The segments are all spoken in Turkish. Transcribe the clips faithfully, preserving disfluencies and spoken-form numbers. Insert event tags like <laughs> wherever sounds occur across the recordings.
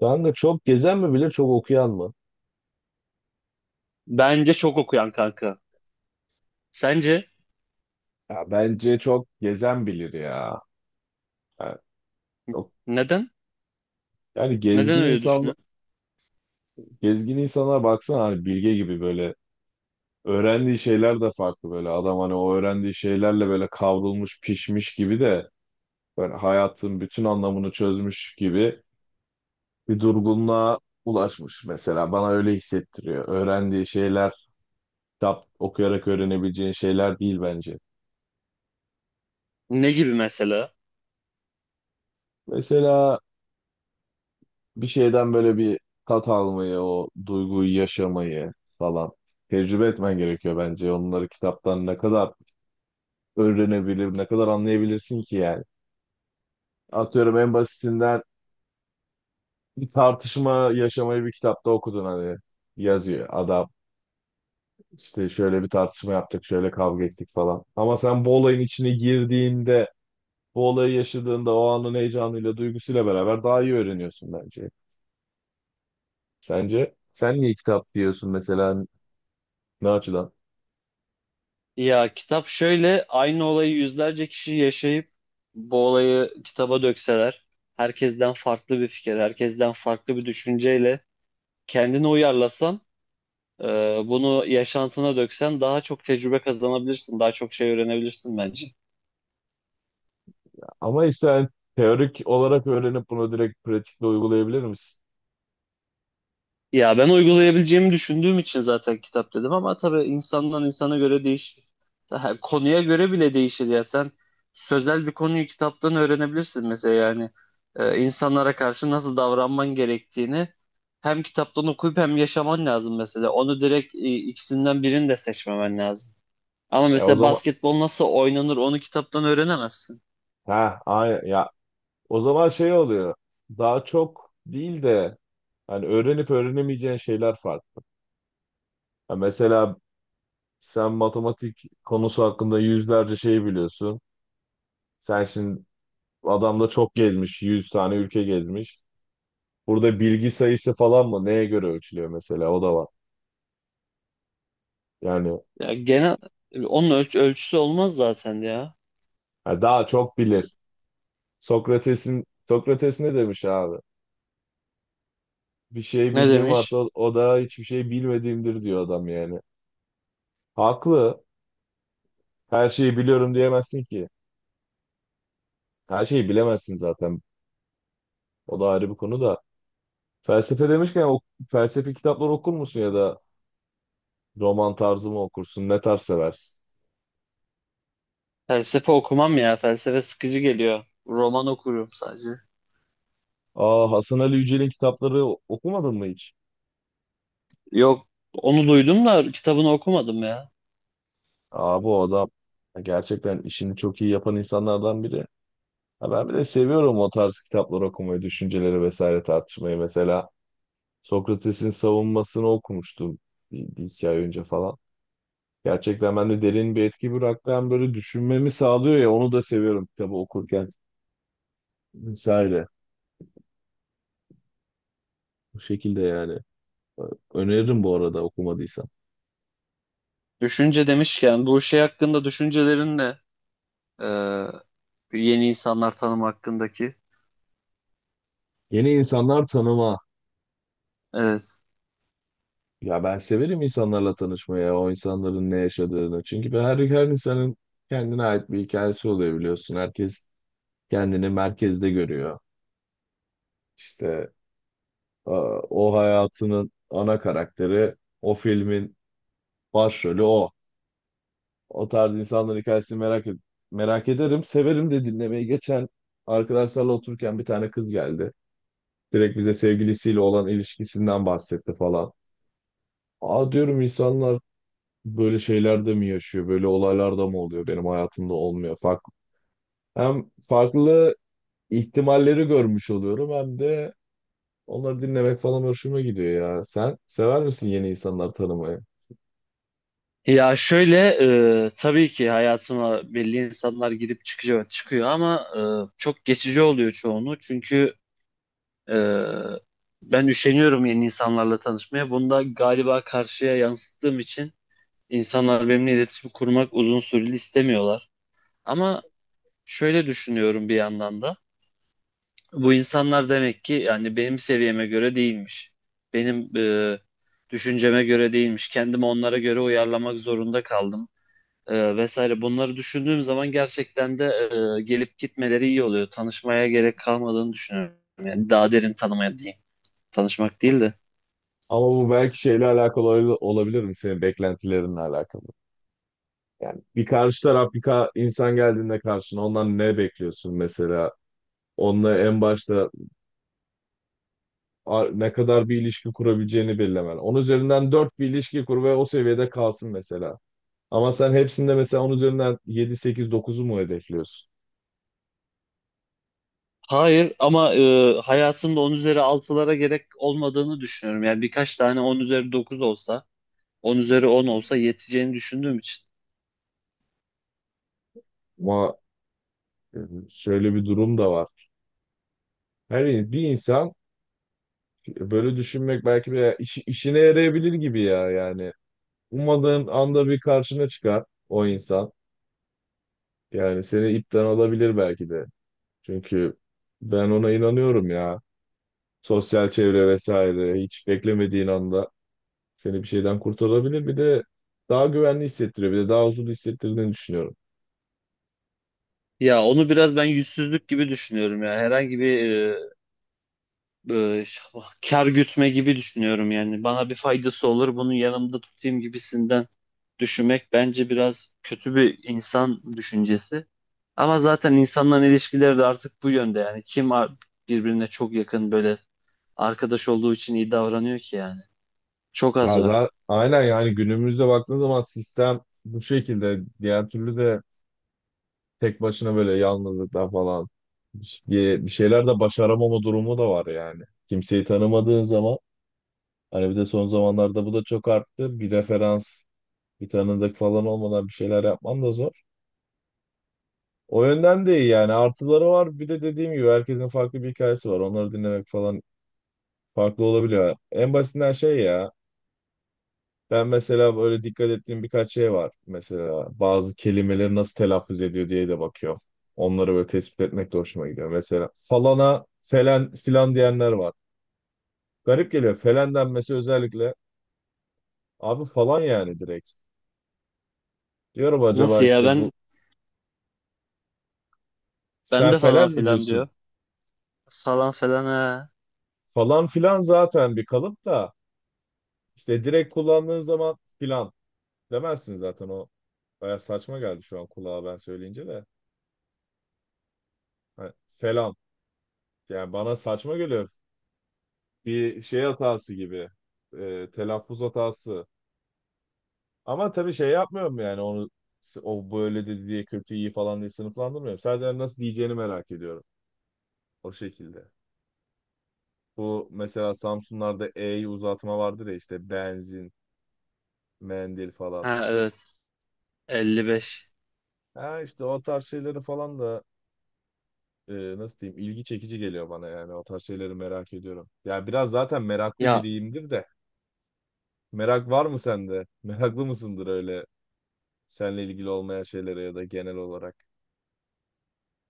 Kanka çok gezen mi bilir çok okuyan mı? Bence çok okuyan kanka. Sence Ya bence çok gezen bilir ya. Yani, çok- neden? yani Neden gezgin öyle insan düşünüyorsun? gezgin insanlara baksana hani bilge gibi böyle öğrendiği şeyler de farklı böyle adam hani o öğrendiği şeylerle böyle kavrulmuş pişmiş gibi de böyle hayatın bütün anlamını çözmüş gibi bir durgunluğa ulaşmış mesela bana öyle hissettiriyor. Öğrendiği şeyler kitap okuyarak öğrenebileceğin şeyler değil bence. Ne gibi mesela? Mesela bir şeyden böyle bir tat almayı, o duyguyu yaşamayı falan tecrübe etmen gerekiyor bence. Onları kitaptan ne kadar öğrenebilir, ne kadar anlayabilirsin ki yani. Atıyorum en basitinden bir tartışma yaşamayı bir kitapta okudun hani yazıyor adam. İşte şöyle bir tartışma yaptık, şöyle kavga ettik falan. Ama sen bu olayın içine girdiğinde, bu olayı yaşadığında o anın heyecanıyla, duygusuyla beraber daha iyi öğreniyorsun bence. Sence sen niye kitap diyorsun mesela ne açıdan? Ya kitap şöyle, aynı olayı yüzlerce kişi yaşayıp bu olayı kitaba dökseler, herkesten farklı bir fikir, herkesten farklı bir düşünceyle kendini uyarlasan, e, bunu yaşantına döksen daha çok tecrübe kazanabilirsin, daha çok şey öğrenebilirsin bence. Ama işte yani teorik olarak öğrenip bunu direkt pratikte uygulayabilir misin? Ya ben uygulayabileceğimi düşündüğüm için zaten kitap dedim, ama tabii insandan insana göre değişir. Daha konuya göre bile değişir ya. Sen sözel bir konuyu kitaptan öğrenebilirsin mesela. Yani Ee, insanlara karşı nasıl davranman gerektiğini hem kitaptan okuyup hem yaşaman lazım mesela. Onu direkt, e, ikisinden birini de seçmemen lazım. Ama E o mesela zaman basketbol nasıl oynanır, onu kitaptan öğrenemezsin. ha aynen ya o zaman şey oluyor. Daha çok değil de hani öğrenip öğrenemeyeceğin şeyler farklı. Ya mesela sen matematik konusu hakkında yüzlerce şey biliyorsun. Sen şimdi adam da çok gezmiş, yüz tane ülke gezmiş. Burada bilgi sayısı falan mı? Neye göre ölçülüyor mesela? O da var. Yani, Ya genel onun ölç- ölçüsü olmaz zaten ya. yani daha çok bilir. Sokrates'in Sokrates ne demiş abi? Bir şey Ne bildiğim varsa demiş? o, o da hiçbir şey bilmediğimdir diyor adam yani. Haklı. Her şeyi biliyorum diyemezsin ki. Her şeyi bilemezsin zaten. O da ayrı bir konu da. Felsefe demişken o felsefi kitaplar okur musun ya da roman tarzı mı okursun? Ne tarz seversin? Felsefe okumam ya. Felsefe sıkıcı geliyor. Roman okuyorum sadece. Aa, Hasan Ali Yücel'in kitapları okumadın mı hiç? Yok, onu duydum da kitabını okumadım ya. Aa, bu adam gerçekten işini çok iyi yapan insanlardan biri. Ha, ben bir de seviyorum o tarz kitapları okumayı, düşünceleri vesaire tartışmayı mesela. Sokrates'in savunmasını okumuştum bir, bir iki ay önce falan. Gerçekten bende derin bir etki bıraktı. Hem böyle düşünmemi sağlıyor ya onu da seviyorum kitabı okurken vesaire. Bu şekilde yani. Öneririm bu arada okumadıysan. Düşünce demişken bu şey hakkında düşüncelerin ne? Ee, yeni insanlar tanım hakkındaki. Yeni insanlar tanıma. Evet. Ya ben severim insanlarla tanışmaya, o insanların ne yaşadığını. Çünkü ben her, her insanın kendine ait bir hikayesi oluyor biliyorsun. Herkes kendini merkezde görüyor. İşte e, o hayatının ana karakteri o filmin başrolü o. O tarz insanların hikayesini merak ed- merak ederim. Severim de dinlemeyi. Geçen arkadaşlarla otururken bir tane kız geldi. Direkt bize sevgilisiyle olan ilişkisinden bahsetti falan. Aa, diyorum insanlar böyle şeylerde mi yaşıyor? Böyle olaylarda mı oluyor? Benim hayatımda olmuyor. Farklı. Hem farklı ihtimalleri görmüş oluyorum hem de onları dinlemek falan hoşuma gidiyor ya. Sen sever misin yeni insanlar tanımayı? Ya şöyle, e, tabii ki hayatıma belli insanlar gidip çıkıyor çıkıyor ama e, çok geçici oluyor çoğunu. Çünkü e, ben üşeniyorum yeni insanlarla tanışmaya. Bunu da galiba karşıya yansıttığım için İnsanlar benimle iletişim kurmak uzun süreli istemiyorlar. Ama şöyle düşünüyorum bir yandan da. Bu insanlar demek ki yani benim seviyeme göre değilmiş. Benim e, düşünceme göre değilmiş. Kendimi onlara göre uyarlamak zorunda kaldım, e, vesaire. Bunları düşündüğüm zaman gerçekten de e, gelip gitmeleri iyi oluyor. Tanışmaya gerek kalmadığını düşünüyorum. Yani daha derin tanımaya diyeyim. Tanışmak değil de. Ama bu belki şeyle alakalı ol- olabilir mi? Senin beklentilerinle alakalı. Yani bir karşı taraf bir ka- insan geldiğinde karşına ondan ne bekliyorsun mesela? Onunla en başta a- ne kadar bir ilişki kurabileceğini belirlemen. Onun üzerinden dört bir ilişki kur ve o seviyede kalsın mesela. Ama sen hepsinde mesela onun üzerinden yedi sekiz dokuzu mu hedefliyorsun? Hayır ama e, hayatımda on üzeri altılara gerek olmadığını düşünüyorum. Yani birkaç tane on üzeri dokuz olsa, on üzeri on olsa yeteceğini düşündüğüm için. Ama e, şöyle bir durum da var. Her in- bir insan böyle düşünmek belki bir işi- işine yarayabilir gibi ya yani. Ummadığın anda bir karşına çıkar o insan. Yani seni ipten alabilir belki de. Çünkü ben ona inanıyorum ya. Sosyal çevre vesaire hiç beklemediğin anda seni bir şeyden kurtarabilir. Bir de daha güvenli hissettiriyor. Bir de daha huzurlu hissettirdiğini düşünüyorum. Ya onu biraz ben yüzsüzlük gibi düşünüyorum ya. Herhangi bir e, e, ş- kar gütme gibi düşünüyorum yani. Bana bir faydası olur, bunu yanımda tutayım gibisinden düşünmek bence biraz kötü bir insan düşüncesi. Ama zaten insanların ilişkileri de artık bu yönde yani. Kim ar- birbirine çok yakın, böyle arkadaş olduğu için iyi davranıyor ki yani. Çok az Ya var. za- aynen yani günümüzde baktığın zaman sistem bu şekilde. Diğer türlü de tek başına böyle yalnızlıklar falan bir, bir şeyler de başaramama durumu da var yani. Kimseyi tanımadığın zaman hani bir de son zamanlarda bu da çok arttı. Bir referans, bir tanıdık falan olmadan bir şeyler yapman da zor. O yönden de iyi yani. Artıları var. Bir de dediğim gibi herkesin farklı bir hikayesi var. Onları dinlemek falan farklı olabiliyor. En basitinden şey ya. Ben mesela böyle dikkat ettiğim birkaç şey var. Mesela bazı kelimeleri nasıl telaffuz ediyor diye de bakıyorum. Onları böyle tespit etmek de hoşuma gidiyor. Mesela falana felen filan diyenler var. Garip geliyor. Felen denmesi özellikle. Abi falan yani direkt. Diyorum Nasıl acaba ya, işte ben bu ben sen de falan felen mi filan diyorsun? diyor. Falan filan ha. Falan filan zaten bir kalıp da işte direkt kullandığın zaman filan demezsin zaten o. Baya saçma geldi şu an kulağa ben söyleyince de. Hani falan. Yani bana saçma geliyor. Bir şey hatası gibi. E, telaffuz hatası. Ama tabii şey yapmıyorum yani onu o böyle dedi diye kötü iyi falan diye sınıflandırmıyorum. Sadece hani nasıl diyeceğini merak ediyorum. O şekilde. Bu mesela Samsunlarda E'yi uzatma vardır ya işte benzin, mendil falan. Ha evet, elli beş. Ha işte o tarz şeyleri falan da e, nasıl diyeyim ilgi çekici geliyor bana yani o tarz şeyleri merak ediyorum. Ya biraz zaten meraklı Ya, biriyimdir de. Merak var mı sende? <laughs> Meraklı mısındır öyle seninle ilgili olmayan şeylere ya da genel olarak?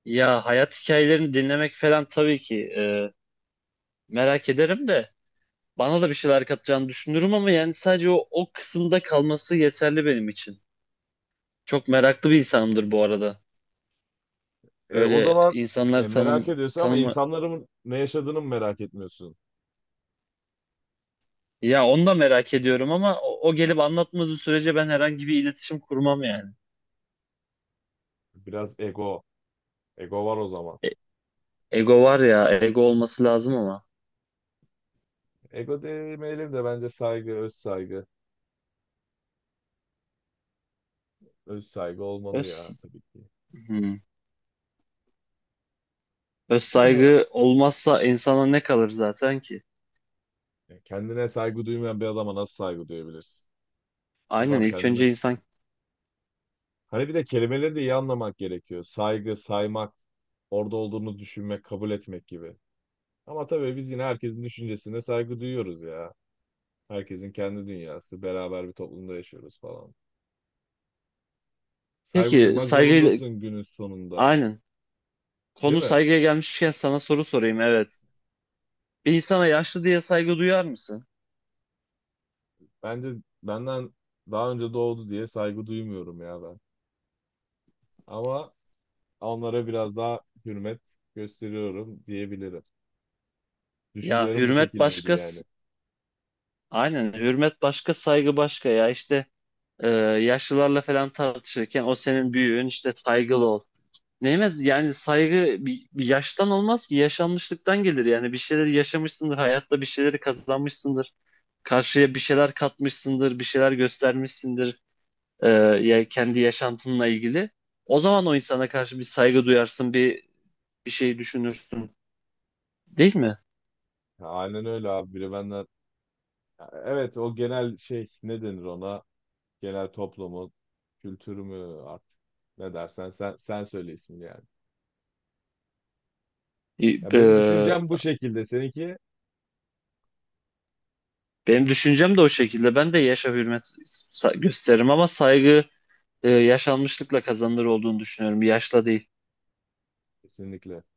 ya hayat hikayelerini dinlemek falan, tabii ki e, merak ederim de, bana da bir şeyler katacağını düşünürüm, ama yani sadece o, o kısımda kalması yeterli benim için. Çok meraklı bir insanımdır bu arada. E, o Öyle zaman insanlar e, tanım merak ediyorsun ama tanımı, insanların ne yaşadığını mı merak etmiyorsun? ya onu da merak ediyorum ama o, o gelip anlatmadığı sürece ben herhangi bir iletişim kurmam yani. Biraz ego. Ego var o zaman. Ego var ya, ego olması lazım ama. Ego demeyelim de bence saygı, öz saygı. Öz saygı olmalı Öz, ya tabii ki. hmm. Öz saygı olmazsa insana ne kalır zaten ki? <laughs> Kendine saygı duymayan bir adama nasıl saygı duyabilirsin? Aynen, Adam ilk kendine önce insan... hani bir de kelimeleri de iyi anlamak gerekiyor. Saygı, saymak, orada olduğunu düşünmek, kabul etmek gibi. Ama tabii biz yine herkesin düşüncesine saygı duyuyoruz ya. Herkesin kendi dünyası, beraber bir toplumda yaşıyoruz falan. Saygı Peki duymak saygıyla... zorundasın günün sonunda, Aynen. değil Konu mi? saygıya gelmişken sana soru sorayım, evet. Bir insana yaşlı diye saygı duyar mısın? Bence benden daha önce doğdu diye saygı duymuyorum ya ben. Ama onlara biraz daha hürmet gösteriyorum diyebilirim. Ya Düşüncelerim bu hürmet şekildeydi başka... s- yani. Aynen, hürmet başka saygı başka, ya işte e, yaşlılarla falan tartışırken o senin büyüğün, işte saygılı ol. Neyemez yani, saygı bir, bir yaştan olmaz ki, yaşanmışlıktan gelir. Yani bir şeyleri yaşamışsındır hayatta, bir şeyleri kazanmışsındır, karşıya bir şeyler katmışsındır, bir şeyler göstermişsindir, e, ya kendi yaşantınla ilgili. O zaman o insana karşı bir saygı duyarsın, bir bir şey düşünürsün, değil mi? Ya, aynen öyle abi. Biri benden evet o genel şey ne denir ona? Genel toplumu, kültürü mü artık ne dersen sen sen söyle ismini yani. E, Ya e, benim düşüncem bu şekilde. Seninki? benim düşüncem de o şekilde. Ben de yaşa hürmet sa- gösteririm, ama saygı e, yaşanmışlıkla kazanılır olduğunu düşünüyorum, yaşla değil. Kesinlikle.